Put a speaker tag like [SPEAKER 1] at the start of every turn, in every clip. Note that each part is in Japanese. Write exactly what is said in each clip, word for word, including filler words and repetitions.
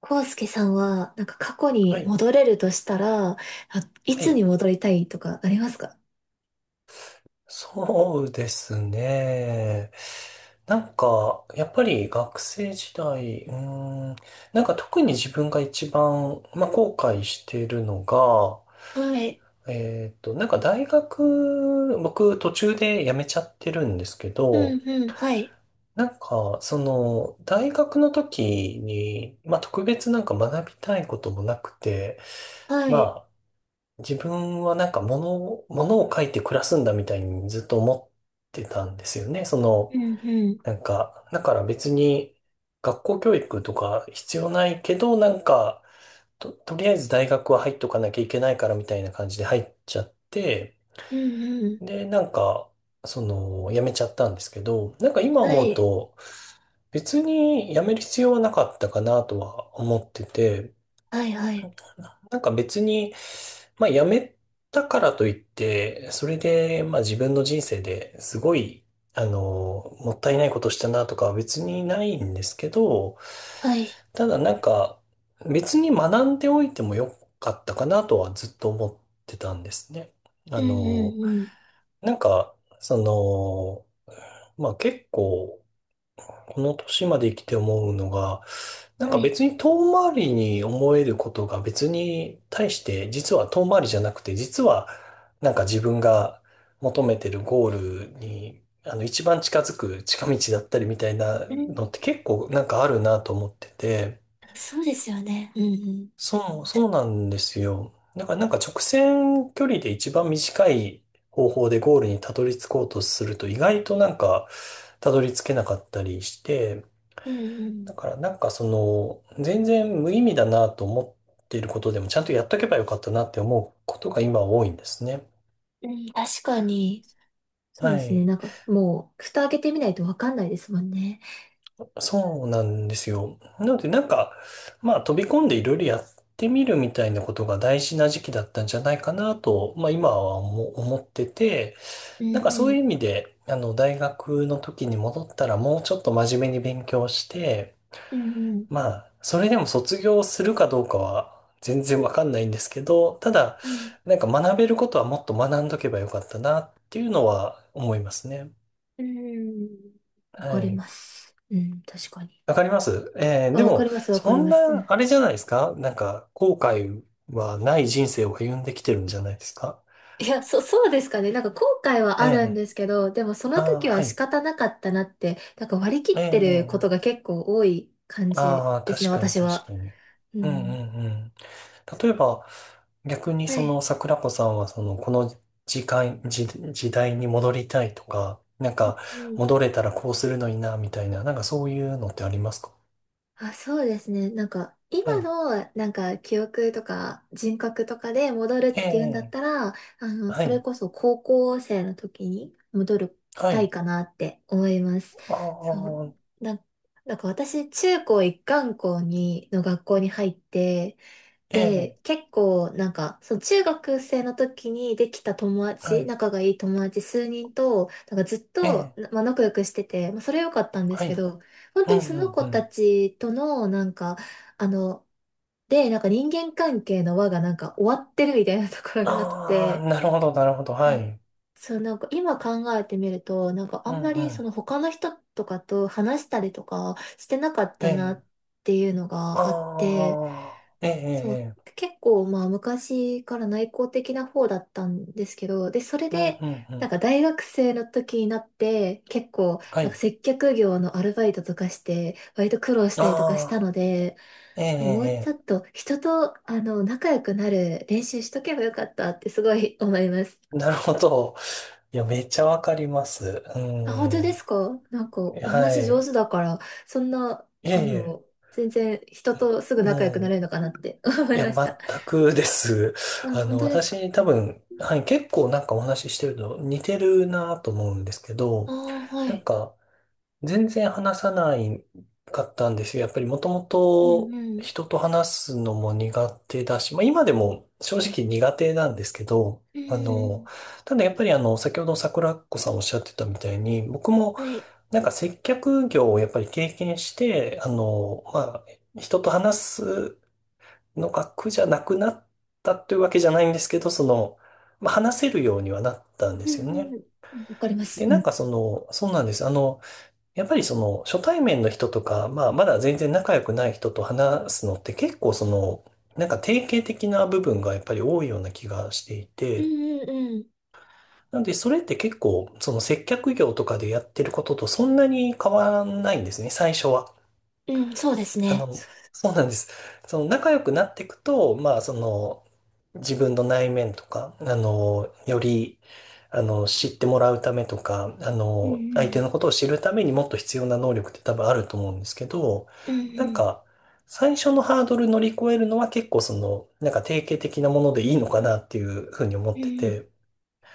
[SPEAKER 1] コウスケさんは、なんか過去
[SPEAKER 2] は
[SPEAKER 1] に
[SPEAKER 2] い、
[SPEAKER 1] 戻れるとしたら、あ、い
[SPEAKER 2] は
[SPEAKER 1] つに
[SPEAKER 2] い。
[SPEAKER 1] 戻りたいとかありますか？
[SPEAKER 2] そうですね。なんか、やっぱり学生時代、うーん、なんか特に自分が一番、まあ、後悔しているのが、
[SPEAKER 1] はい。
[SPEAKER 2] えっと、なんか大学、僕途中で辞めちゃってるんですけ
[SPEAKER 1] う
[SPEAKER 2] ど、
[SPEAKER 1] んうん。はい。
[SPEAKER 2] なんか、その、大学の時に、まあ、特別なんか学びたいこともなくて、
[SPEAKER 1] はい。
[SPEAKER 2] まあ、自分はなんか物を、物を書いて暮らすんだみたいにずっと思ってたんですよね。そ
[SPEAKER 1] う
[SPEAKER 2] の、
[SPEAKER 1] んうん。
[SPEAKER 2] なんか、だから別に学校教育とか必要ないけど、なんか、と、とりあえず大学は入っとかなきゃいけないからみたいな感じで入っちゃって、
[SPEAKER 1] うんうん。
[SPEAKER 2] で、なんか、その、辞めちゃったんですけど、なんか今
[SPEAKER 1] は
[SPEAKER 2] 思う
[SPEAKER 1] い。
[SPEAKER 2] と、別に辞める必要はなかったかなとは思ってて、
[SPEAKER 1] はいはい。
[SPEAKER 2] なんか別に、まあ辞めたからといって、それで、まあ自分の人生ですごい、あの、もったいないことしたなとかは別にないんですけど、
[SPEAKER 1] はい。
[SPEAKER 2] ただなんか別に学んでおいてもよかったかなとはずっと思ってたんですね。
[SPEAKER 1] う
[SPEAKER 2] あ
[SPEAKER 1] んう
[SPEAKER 2] の、
[SPEAKER 1] んうん。
[SPEAKER 2] なんか、その、まあ結構、この年まで生きて思うのが、なんか
[SPEAKER 1] はい。
[SPEAKER 2] 別に遠回りに思えることが別に対して実は遠回りじゃなくて、実はなんか自分が求めてるゴールに、あの、一番近づく近道だったりみたいな
[SPEAKER 1] う
[SPEAKER 2] の
[SPEAKER 1] ん。
[SPEAKER 2] って結構なんかあるなと思ってて、
[SPEAKER 1] そうですよね。うんうん。
[SPEAKER 2] そうそうなんですよ。だからなんか直線距離で一番短い方法でゴールにたどり着こうとすると、意外となんかたどり着けなかったりして、
[SPEAKER 1] うんう
[SPEAKER 2] だ
[SPEAKER 1] ん。
[SPEAKER 2] からなんかその、全然無意味だなと思っていることでも、ちゃんとやっとけばよかったなって思うことが今多いんですね。
[SPEAKER 1] うん、確かに。そう
[SPEAKER 2] は
[SPEAKER 1] ですね。
[SPEAKER 2] い。
[SPEAKER 1] なんかもう、蓋開けてみないとわかんないですもんね。
[SPEAKER 2] そうなんですよ。なのでなんか、まあ飛び込んでいろいろやってみるみたいなことが大事な時期だったんじゃないかなと、まあ今は思思ってて、
[SPEAKER 1] うん
[SPEAKER 2] なんかそ
[SPEAKER 1] う
[SPEAKER 2] ういう
[SPEAKER 1] ん。
[SPEAKER 2] 意味で、あの大学の時に戻ったらもうちょっと真面目に勉強して、
[SPEAKER 1] うんうん。
[SPEAKER 2] まあ、それでも卒業するかどうかは全然わかんないんですけど、ただ、
[SPEAKER 1] はい。
[SPEAKER 2] なんか学べることはもっと学んどけばよかったなっていうのは思いますね。
[SPEAKER 1] うん。わ
[SPEAKER 2] は
[SPEAKER 1] かり
[SPEAKER 2] い。
[SPEAKER 1] ます。うん、確かに。
[SPEAKER 2] わかります。えーで
[SPEAKER 1] あ、わか
[SPEAKER 2] も、
[SPEAKER 1] ります、わか
[SPEAKER 2] そ
[SPEAKER 1] り
[SPEAKER 2] ん
[SPEAKER 1] ます。う
[SPEAKER 2] な、
[SPEAKER 1] ん。
[SPEAKER 2] あれじゃないですか。なんか、後悔はない人生を歩んできてるんじゃないですか？
[SPEAKER 1] いや、そ、そうですかね。なんか後悔は
[SPEAKER 2] え
[SPEAKER 1] あるんで
[SPEAKER 2] え、
[SPEAKER 1] すけど、でもその
[SPEAKER 2] ああ
[SPEAKER 1] 時
[SPEAKER 2] ー、は
[SPEAKER 1] は仕
[SPEAKER 2] い。
[SPEAKER 1] 方なかったなって、なんか割り切ってること
[SPEAKER 2] え
[SPEAKER 1] が
[SPEAKER 2] え、
[SPEAKER 1] 結構多い感じ
[SPEAKER 2] ああ、
[SPEAKER 1] ですね、
[SPEAKER 2] 確かに
[SPEAKER 1] 私
[SPEAKER 2] 確
[SPEAKER 1] は。
[SPEAKER 2] かに。
[SPEAKER 1] う
[SPEAKER 2] うん
[SPEAKER 1] ん。
[SPEAKER 2] うんうん。例えば、逆に
[SPEAKER 1] は
[SPEAKER 2] そ
[SPEAKER 1] い。
[SPEAKER 2] の桜子さんはそのこの時間、時、時代に戻りたいとか、なんか
[SPEAKER 1] うん。
[SPEAKER 2] 戻れたらこうするのにな、みたいな、なんかそういうのってありますか？
[SPEAKER 1] あ、そうですね。なんか、
[SPEAKER 2] は
[SPEAKER 1] 今
[SPEAKER 2] い。
[SPEAKER 1] の、なんか、記憶とか人格とかで戻るっ
[SPEAKER 2] え
[SPEAKER 1] ていうんだっ
[SPEAKER 2] え、
[SPEAKER 1] たら、あの、
[SPEAKER 2] は
[SPEAKER 1] それ
[SPEAKER 2] い。
[SPEAKER 1] こそ高校生の時に戻り
[SPEAKER 2] は
[SPEAKER 1] たい
[SPEAKER 2] い。
[SPEAKER 1] かなって思います。
[SPEAKER 2] あ
[SPEAKER 1] そう。
[SPEAKER 2] あ、
[SPEAKER 1] な、なんか私、中高一貫校に、の学校に入って、
[SPEAKER 2] え
[SPEAKER 1] で、
[SPEAKER 2] え、
[SPEAKER 1] 結構なんか、その中学生の時にできた友
[SPEAKER 2] は
[SPEAKER 1] 達、
[SPEAKER 2] い。
[SPEAKER 1] 仲がいい友達数人と、なんかずっ
[SPEAKER 2] え
[SPEAKER 1] と、
[SPEAKER 2] え、
[SPEAKER 1] なまあ、仲良くしてて、まあ、それ良かったんで
[SPEAKER 2] は
[SPEAKER 1] すけ
[SPEAKER 2] い。
[SPEAKER 1] ど、本
[SPEAKER 2] う
[SPEAKER 1] 当
[SPEAKER 2] ん
[SPEAKER 1] に
[SPEAKER 2] う
[SPEAKER 1] その
[SPEAKER 2] ん
[SPEAKER 1] 子
[SPEAKER 2] う
[SPEAKER 1] た
[SPEAKER 2] ん。
[SPEAKER 1] ちとの、なんか、あの、で、なんか人間関係の輪がなんか終わってるみたいなところがあっ
[SPEAKER 2] ああ、
[SPEAKER 1] て、
[SPEAKER 2] なるほど、なるほど。
[SPEAKER 1] う
[SPEAKER 2] は
[SPEAKER 1] ん。
[SPEAKER 2] い。
[SPEAKER 1] そう、なんか今考えてみると、なんか
[SPEAKER 2] う
[SPEAKER 1] あ
[SPEAKER 2] ん
[SPEAKER 1] んま
[SPEAKER 2] う
[SPEAKER 1] りそ
[SPEAKER 2] ん。
[SPEAKER 1] の他の人とかと話したりとかしてなかっ
[SPEAKER 2] え
[SPEAKER 1] たな
[SPEAKER 2] え、
[SPEAKER 1] っていうのがあっ
[SPEAKER 2] あ
[SPEAKER 1] て、
[SPEAKER 2] あ、ええ、ええ、
[SPEAKER 1] そう、
[SPEAKER 2] ええ、
[SPEAKER 1] 結構まあ昔から内向的な方だったんですけど、で、それ
[SPEAKER 2] うん
[SPEAKER 1] で、
[SPEAKER 2] うんう
[SPEAKER 1] なん
[SPEAKER 2] ん。
[SPEAKER 1] か大学生の時になって、結構、
[SPEAKER 2] は
[SPEAKER 1] なんか
[SPEAKER 2] い。
[SPEAKER 1] 接客業のアルバイトとかして、割と苦労した
[SPEAKER 2] あ
[SPEAKER 1] りとかした
[SPEAKER 2] あ、
[SPEAKER 1] ので、
[SPEAKER 2] ええ、え
[SPEAKER 1] もうちょ
[SPEAKER 2] え、
[SPEAKER 1] っ
[SPEAKER 2] え
[SPEAKER 1] と人と、あの、仲良くなる練習しとけばよかったってすごい思います。
[SPEAKER 2] え なるほど。いや、めっちゃわかります。う
[SPEAKER 1] あ、本当で
[SPEAKER 2] ん。
[SPEAKER 1] すか？なんか
[SPEAKER 2] は
[SPEAKER 1] お話上
[SPEAKER 2] い。
[SPEAKER 1] 手だから、そんな、
[SPEAKER 2] いえ
[SPEAKER 1] あ
[SPEAKER 2] いえ、
[SPEAKER 1] の、全然人とすぐ仲良くなれ
[SPEAKER 2] も
[SPEAKER 1] るのかなって思
[SPEAKER 2] う、
[SPEAKER 1] い
[SPEAKER 2] いや、
[SPEAKER 1] ました。
[SPEAKER 2] 全くです。
[SPEAKER 1] あ、
[SPEAKER 2] あ
[SPEAKER 1] 本
[SPEAKER 2] の、
[SPEAKER 1] 当ですか？
[SPEAKER 2] 私、
[SPEAKER 1] う
[SPEAKER 2] 多
[SPEAKER 1] ん。
[SPEAKER 2] 分、はい、結構なんかお話ししてると似てるなと思うんですけど、
[SPEAKER 1] ああー、は
[SPEAKER 2] なん
[SPEAKER 1] い。
[SPEAKER 2] か、全然話さないかったんですよ。やっぱりもとも
[SPEAKER 1] うん
[SPEAKER 2] と
[SPEAKER 1] うん。
[SPEAKER 2] 人と話すのも苦手だし、まあ今でも正直苦手なんですけど、
[SPEAKER 1] う
[SPEAKER 2] あ
[SPEAKER 1] んう
[SPEAKER 2] の、
[SPEAKER 1] ん。
[SPEAKER 2] ただやっぱりあの、先ほど桜子さんおっしゃってたみたいに、僕も
[SPEAKER 1] あれ、
[SPEAKER 2] なんか接客業をやっぱり経験して、あの、まあ、人と話すのが苦じゃなくなったというわけじゃないんですけど、その、まあ話せるようにはなったんで
[SPEAKER 1] う
[SPEAKER 2] すよ
[SPEAKER 1] ん
[SPEAKER 2] ね。
[SPEAKER 1] うん。わかります。
[SPEAKER 2] で、
[SPEAKER 1] う
[SPEAKER 2] なん
[SPEAKER 1] ん。
[SPEAKER 2] かその、そうなんです。あの、やっぱりその初対面の人とか、まあまだ全然仲良くない人と話すのって結構その、なんか定型的な部分がやっぱり多いような気がしてい
[SPEAKER 1] う
[SPEAKER 2] て、
[SPEAKER 1] んうんうん。
[SPEAKER 2] なのでそれって結構その接客業とかでやってることとそんなに変わらないんですね、最初は。
[SPEAKER 1] うん、そうです
[SPEAKER 2] あ
[SPEAKER 1] ね。そ
[SPEAKER 2] の、そうなんです。その仲良くなっていくと、まあ、その、自分の内面とか、あの、より、あの、知ってもらうためとか、あ
[SPEAKER 1] う。う
[SPEAKER 2] の、相手
[SPEAKER 1] ん
[SPEAKER 2] のことを知るためにもっと必要な能力って多分あると思うんですけど、
[SPEAKER 1] うん。うんう
[SPEAKER 2] なん
[SPEAKER 1] ん。
[SPEAKER 2] か、最初のハードル乗り越えるのは結構その、なんか定型的なものでいいのかなっていうふうに思
[SPEAKER 1] う
[SPEAKER 2] っ
[SPEAKER 1] んうん。
[SPEAKER 2] て
[SPEAKER 1] い
[SPEAKER 2] て、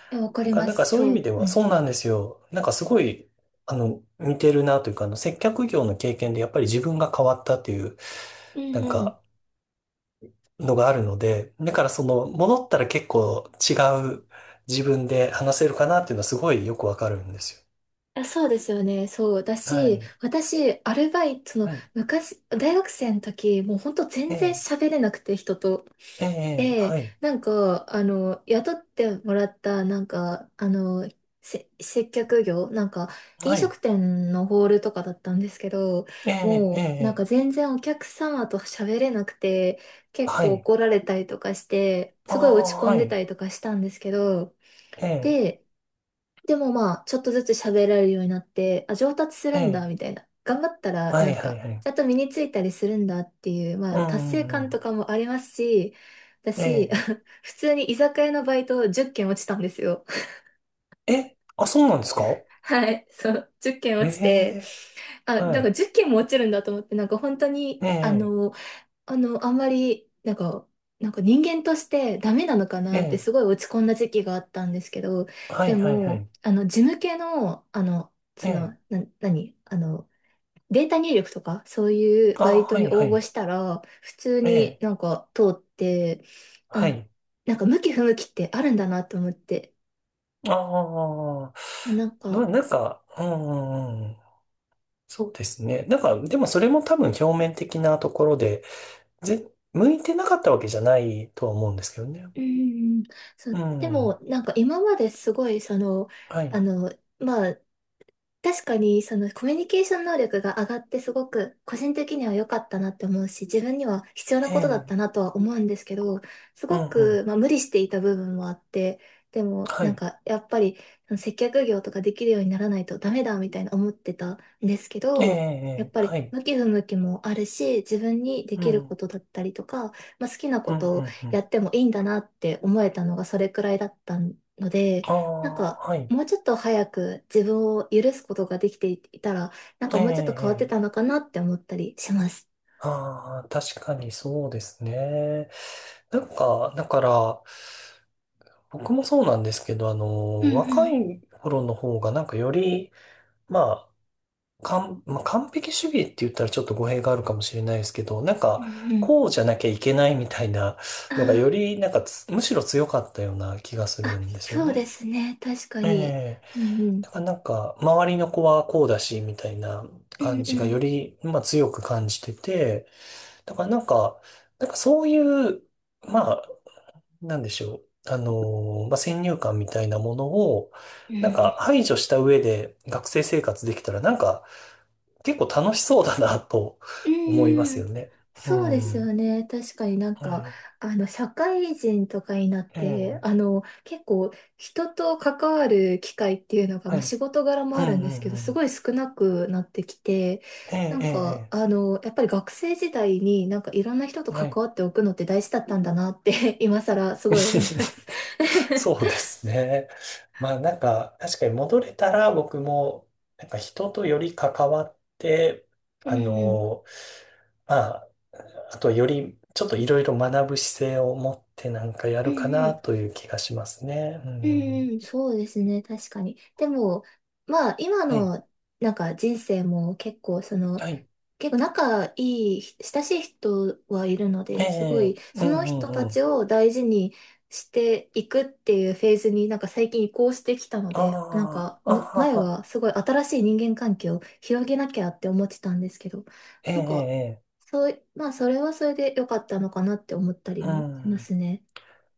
[SPEAKER 1] や、わか
[SPEAKER 2] だ
[SPEAKER 1] り
[SPEAKER 2] から、
[SPEAKER 1] ま
[SPEAKER 2] なん
[SPEAKER 1] す。
[SPEAKER 2] かそうい
[SPEAKER 1] そ
[SPEAKER 2] う意味
[SPEAKER 1] う。
[SPEAKER 2] で
[SPEAKER 1] う
[SPEAKER 2] は、
[SPEAKER 1] ん。
[SPEAKER 2] そうなんですよ。なんかすごい、あの、似てるなというか、あの、接客業の経験でやっぱり自分が変わったっていう、
[SPEAKER 1] う
[SPEAKER 2] な
[SPEAKER 1] ん
[SPEAKER 2] ん
[SPEAKER 1] うん。
[SPEAKER 2] か、のがあるので、だからその、戻ったら結構違う自分で話せるかなっていうのはすごいよくわかるんですよ。
[SPEAKER 1] あ、そうですよね。そう。だ
[SPEAKER 2] は
[SPEAKER 1] し、
[SPEAKER 2] い。
[SPEAKER 1] 私、アルバイト、その、
[SPEAKER 2] はい。
[SPEAKER 1] 昔、大学生の時、もうほんと
[SPEAKER 2] え
[SPEAKER 1] 全然
[SPEAKER 2] え、
[SPEAKER 1] 喋れなくて、人と。
[SPEAKER 2] ええ、ええ、
[SPEAKER 1] で、
[SPEAKER 2] はい。
[SPEAKER 1] なんか、あの、雇ってもらった、なんか、あの、せ、接客業、なんか、
[SPEAKER 2] は
[SPEAKER 1] 飲食
[SPEAKER 2] い。
[SPEAKER 1] 店のホールとかだったんですけど、
[SPEAKER 2] ええ、ええ、
[SPEAKER 1] もう、なん
[SPEAKER 2] え
[SPEAKER 1] か
[SPEAKER 2] え、
[SPEAKER 1] 全然お客様と喋れなくて、結
[SPEAKER 2] は
[SPEAKER 1] 構
[SPEAKER 2] い。
[SPEAKER 1] 怒られたりとかして、
[SPEAKER 2] あ
[SPEAKER 1] すごい
[SPEAKER 2] あ、
[SPEAKER 1] 落ち込ん
[SPEAKER 2] は
[SPEAKER 1] でた
[SPEAKER 2] い。
[SPEAKER 1] りとかしたんですけど、
[SPEAKER 2] ええ、
[SPEAKER 1] で、でもまあ、ちょっとずつ喋られるようになって、あ、上達す
[SPEAKER 2] え
[SPEAKER 1] るんだ、
[SPEAKER 2] え、
[SPEAKER 1] みたいな。頑張ったら、
[SPEAKER 2] は
[SPEAKER 1] な
[SPEAKER 2] い、
[SPEAKER 1] ん
[SPEAKER 2] はい、
[SPEAKER 1] か、
[SPEAKER 2] はい。
[SPEAKER 1] ちゃんと身についたりするんだっていう、ま
[SPEAKER 2] う
[SPEAKER 1] あ、
[SPEAKER 2] ん、
[SPEAKER 1] 達成
[SPEAKER 2] うん、う
[SPEAKER 1] 感
[SPEAKER 2] ん。
[SPEAKER 1] とかもありますし、だし、
[SPEAKER 2] え
[SPEAKER 1] 普通に居酒屋のバイトじゅっけん落ちたんですよ。
[SPEAKER 2] え、え、あ、そうなんですか？
[SPEAKER 1] はい、そう、じゅっけん
[SPEAKER 2] え
[SPEAKER 1] 落ちて、
[SPEAKER 2] え、
[SPEAKER 1] あ、な
[SPEAKER 2] は
[SPEAKER 1] んか
[SPEAKER 2] い。
[SPEAKER 1] じゅっけんも落ちるんだと思って、なんか本当に、
[SPEAKER 2] え
[SPEAKER 1] あ
[SPEAKER 2] え、
[SPEAKER 1] の、あの、あんまり、なんか、なんか人間としてダメなのか
[SPEAKER 2] え
[SPEAKER 1] なってす
[SPEAKER 2] え、
[SPEAKER 1] ごい落ち込んだ時期があったんですけど、
[SPEAKER 2] は
[SPEAKER 1] で
[SPEAKER 2] い、はい、はい。
[SPEAKER 1] も、あの、事務系の、あの、
[SPEAKER 2] え
[SPEAKER 1] その、
[SPEAKER 2] え、
[SPEAKER 1] な、何あの、データ入力とか、そういう
[SPEAKER 2] あ、
[SPEAKER 1] バイト
[SPEAKER 2] は
[SPEAKER 1] に
[SPEAKER 2] い、は
[SPEAKER 1] 応募
[SPEAKER 2] い。
[SPEAKER 1] したら、普通
[SPEAKER 2] え
[SPEAKER 1] に
[SPEAKER 2] え、
[SPEAKER 1] なんか通って、
[SPEAKER 2] は
[SPEAKER 1] あ、
[SPEAKER 2] い。
[SPEAKER 1] なんか向き不向きってあるんだなと思って、
[SPEAKER 2] ああ、
[SPEAKER 1] なん
[SPEAKER 2] ま
[SPEAKER 1] か、
[SPEAKER 2] なんか、うんうんうん、そうですね。なんか、でもそれも多分表面的なところで、ぜ、向いてなかったわけじゃないとは思うんですけどね。
[SPEAKER 1] うん、そ
[SPEAKER 2] う
[SPEAKER 1] う、で
[SPEAKER 2] ん。
[SPEAKER 1] も、なんか今まですごい、その、
[SPEAKER 2] は
[SPEAKER 1] あ
[SPEAKER 2] い。
[SPEAKER 1] の、まあ、確かに、そのコミュニケーション能力が上がってすごく個人的には良かったなって思うし、自分には必要な
[SPEAKER 2] え
[SPEAKER 1] ことだっ
[SPEAKER 2] え。
[SPEAKER 1] たなとは思うんですけど、す
[SPEAKER 2] うんう
[SPEAKER 1] ご
[SPEAKER 2] ん。
[SPEAKER 1] く、まあ、無理していた部分もあって、でも
[SPEAKER 2] は
[SPEAKER 1] なん
[SPEAKER 2] い。
[SPEAKER 1] かやっぱりその接客業とかできるようにならないとダメだみたいな思ってたんですけ
[SPEAKER 2] ええ、
[SPEAKER 1] ど、やっ
[SPEAKER 2] え
[SPEAKER 1] ぱ
[SPEAKER 2] え、
[SPEAKER 1] り
[SPEAKER 2] はい。
[SPEAKER 1] 向き不向きもあるし、自分にで
[SPEAKER 2] うん。う
[SPEAKER 1] きる
[SPEAKER 2] ん
[SPEAKER 1] ことだったりとか、まあ、好きなこ
[SPEAKER 2] うんう
[SPEAKER 1] とを
[SPEAKER 2] ん。
[SPEAKER 1] やってもいいんだなって思えたのがそれくらいだったので、
[SPEAKER 2] あ
[SPEAKER 1] なん
[SPEAKER 2] あ、
[SPEAKER 1] か
[SPEAKER 2] はい。
[SPEAKER 1] もうちょっと早く自分を許すことができていたら、なん
[SPEAKER 2] え
[SPEAKER 1] か
[SPEAKER 2] え、
[SPEAKER 1] もうちょっと変わって
[SPEAKER 2] え
[SPEAKER 1] た
[SPEAKER 2] え。
[SPEAKER 1] のかなって思ったりします。
[SPEAKER 2] ああ、確かにそうですね。なんか、だから、僕もそうなんですけど、あ
[SPEAKER 1] うん
[SPEAKER 2] の、
[SPEAKER 1] う
[SPEAKER 2] 若
[SPEAKER 1] ん
[SPEAKER 2] い頃の方がなんかより、まあ、完、まあ、完璧主義って言ったらちょっと語弊があるかもしれないですけど、なん
[SPEAKER 1] う
[SPEAKER 2] か、
[SPEAKER 1] ん。うん。
[SPEAKER 2] こうじゃなきゃいけないみたいなのがよ
[SPEAKER 1] あ
[SPEAKER 2] り、なんかつむしろ強かったような気がす
[SPEAKER 1] あ、
[SPEAKER 2] る
[SPEAKER 1] あ、
[SPEAKER 2] んですよ
[SPEAKER 1] そうで
[SPEAKER 2] ね。
[SPEAKER 1] すね。確か
[SPEAKER 2] え
[SPEAKER 1] に。
[SPEAKER 2] え。
[SPEAKER 1] うんう
[SPEAKER 2] だ
[SPEAKER 1] ん。
[SPEAKER 2] からなんか、周りの子はこうだし、みたいな
[SPEAKER 1] うん
[SPEAKER 2] 感
[SPEAKER 1] う
[SPEAKER 2] じがよ
[SPEAKER 1] ん
[SPEAKER 2] り、まあ強く感じてて、だからなんか、なんかそういう、まあ、なんでしょう。あのー、まあ、先入観みたいなものを、
[SPEAKER 1] うん。う
[SPEAKER 2] なんか
[SPEAKER 1] ん。
[SPEAKER 2] 排除した上で学生生活できたら、なんか結構楽しそうだなと
[SPEAKER 1] う
[SPEAKER 2] 思います
[SPEAKER 1] ん、
[SPEAKER 2] よね。う
[SPEAKER 1] そうで
[SPEAKER 2] ん。
[SPEAKER 1] す
[SPEAKER 2] う
[SPEAKER 1] よね。確かになんか、
[SPEAKER 2] ん。
[SPEAKER 1] あの、社会人とかになっ
[SPEAKER 2] え
[SPEAKER 1] て、あ
[SPEAKER 2] え。
[SPEAKER 1] の、結構人と関わる機会っていうのが、
[SPEAKER 2] は
[SPEAKER 1] まあ、
[SPEAKER 2] い。
[SPEAKER 1] 仕事柄も
[SPEAKER 2] うん
[SPEAKER 1] あるん
[SPEAKER 2] う
[SPEAKER 1] ですけ
[SPEAKER 2] ん
[SPEAKER 1] ど、
[SPEAKER 2] う
[SPEAKER 1] す
[SPEAKER 2] ん。
[SPEAKER 1] ごい少なくなってきて、
[SPEAKER 2] ええ、
[SPEAKER 1] なん
[SPEAKER 2] え
[SPEAKER 1] か、
[SPEAKER 2] え、
[SPEAKER 1] あの、やっぱり学生時代になんかいろんな人と
[SPEAKER 2] ええ、は
[SPEAKER 1] 関
[SPEAKER 2] い。
[SPEAKER 1] わっておくのって大事だったんだなって、今更すごい思います。
[SPEAKER 2] そうですね。まあなんか、確かに戻れたら僕も、なんか人とより関わって、
[SPEAKER 1] うん
[SPEAKER 2] あ
[SPEAKER 1] うん、
[SPEAKER 2] のー、まあと、より、ちょっといろいろ学ぶ姿勢を持ってなんかや
[SPEAKER 1] うん
[SPEAKER 2] るか
[SPEAKER 1] う
[SPEAKER 2] な
[SPEAKER 1] ん
[SPEAKER 2] という気がしますね。う
[SPEAKER 1] うん。
[SPEAKER 2] ん。
[SPEAKER 1] うん、そうですね、確かに。でも、まあ、今
[SPEAKER 2] はい。
[SPEAKER 1] の、なんか人生も結構、その、
[SPEAKER 2] はい。
[SPEAKER 1] 結構仲いい、親しい人はいるの
[SPEAKER 2] え
[SPEAKER 1] で、すごい、
[SPEAKER 2] え、う
[SPEAKER 1] そ
[SPEAKER 2] ん
[SPEAKER 1] の
[SPEAKER 2] う
[SPEAKER 1] 人た
[SPEAKER 2] んう
[SPEAKER 1] ち
[SPEAKER 2] ん。
[SPEAKER 1] を大事にしていくっていうフェーズになんか最近移行してきたの
[SPEAKER 2] あ
[SPEAKER 1] で、なんか、
[SPEAKER 2] あ、あ
[SPEAKER 1] む
[SPEAKER 2] は
[SPEAKER 1] 前
[SPEAKER 2] は。
[SPEAKER 1] はすごい新しい人間関係を広げなきゃって思ってたんですけど、
[SPEAKER 2] え
[SPEAKER 1] なんか、
[SPEAKER 2] え、ええ、
[SPEAKER 1] そうい、まあ、それはそれで良かったのかなって思ったり
[SPEAKER 2] う
[SPEAKER 1] もしま
[SPEAKER 2] ん。
[SPEAKER 1] すね。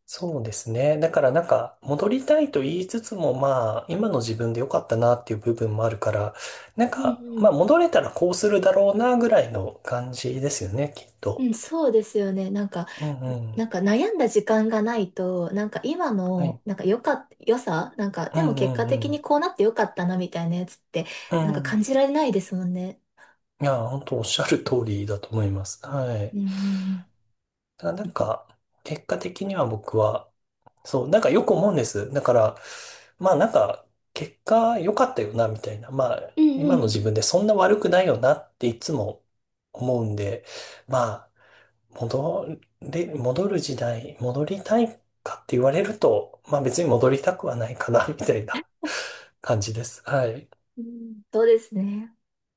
[SPEAKER 2] そうですね。だからなんか、戻りたいと言いつつも、まあ、今の自分で良かったなっていう部分もあるから、なん
[SPEAKER 1] う
[SPEAKER 2] か、まあ、
[SPEAKER 1] ん
[SPEAKER 2] 戻れたらこうするだろうなぐらいの感じですよね、きっ
[SPEAKER 1] う
[SPEAKER 2] と。
[SPEAKER 1] ん、そうですよね。なんか、
[SPEAKER 2] うんう
[SPEAKER 1] な
[SPEAKER 2] ん。
[SPEAKER 1] んか悩んだ時間がないと、なんか今
[SPEAKER 2] はい。
[SPEAKER 1] の、なんか良かっ、良さなんか、
[SPEAKER 2] う
[SPEAKER 1] でも
[SPEAKER 2] んう
[SPEAKER 1] 結果
[SPEAKER 2] んう
[SPEAKER 1] 的に
[SPEAKER 2] ん。
[SPEAKER 1] こうなって良かったなみたいなやつって、
[SPEAKER 2] う
[SPEAKER 1] なんか感
[SPEAKER 2] ん。
[SPEAKER 1] じられないですもんね。
[SPEAKER 2] いや、本当おっしゃる通りだと思います。はい。
[SPEAKER 1] うん
[SPEAKER 2] ただなんか、結果的には僕は、そう、なんかよく思うんです。だから、まあなんか、結果良かったよな、みたいな。まあ、
[SPEAKER 1] うんう
[SPEAKER 2] 今
[SPEAKER 1] ん。う
[SPEAKER 2] の
[SPEAKER 1] んう
[SPEAKER 2] 自
[SPEAKER 1] ん。
[SPEAKER 2] 分でそんな悪くないよなっていつも思うんで、まあ、戻れ、戻る時代、戻りたいかって言われると、まあ別に戻りたくはないかな、みたいな感じです。はい。
[SPEAKER 1] うん、そうですね。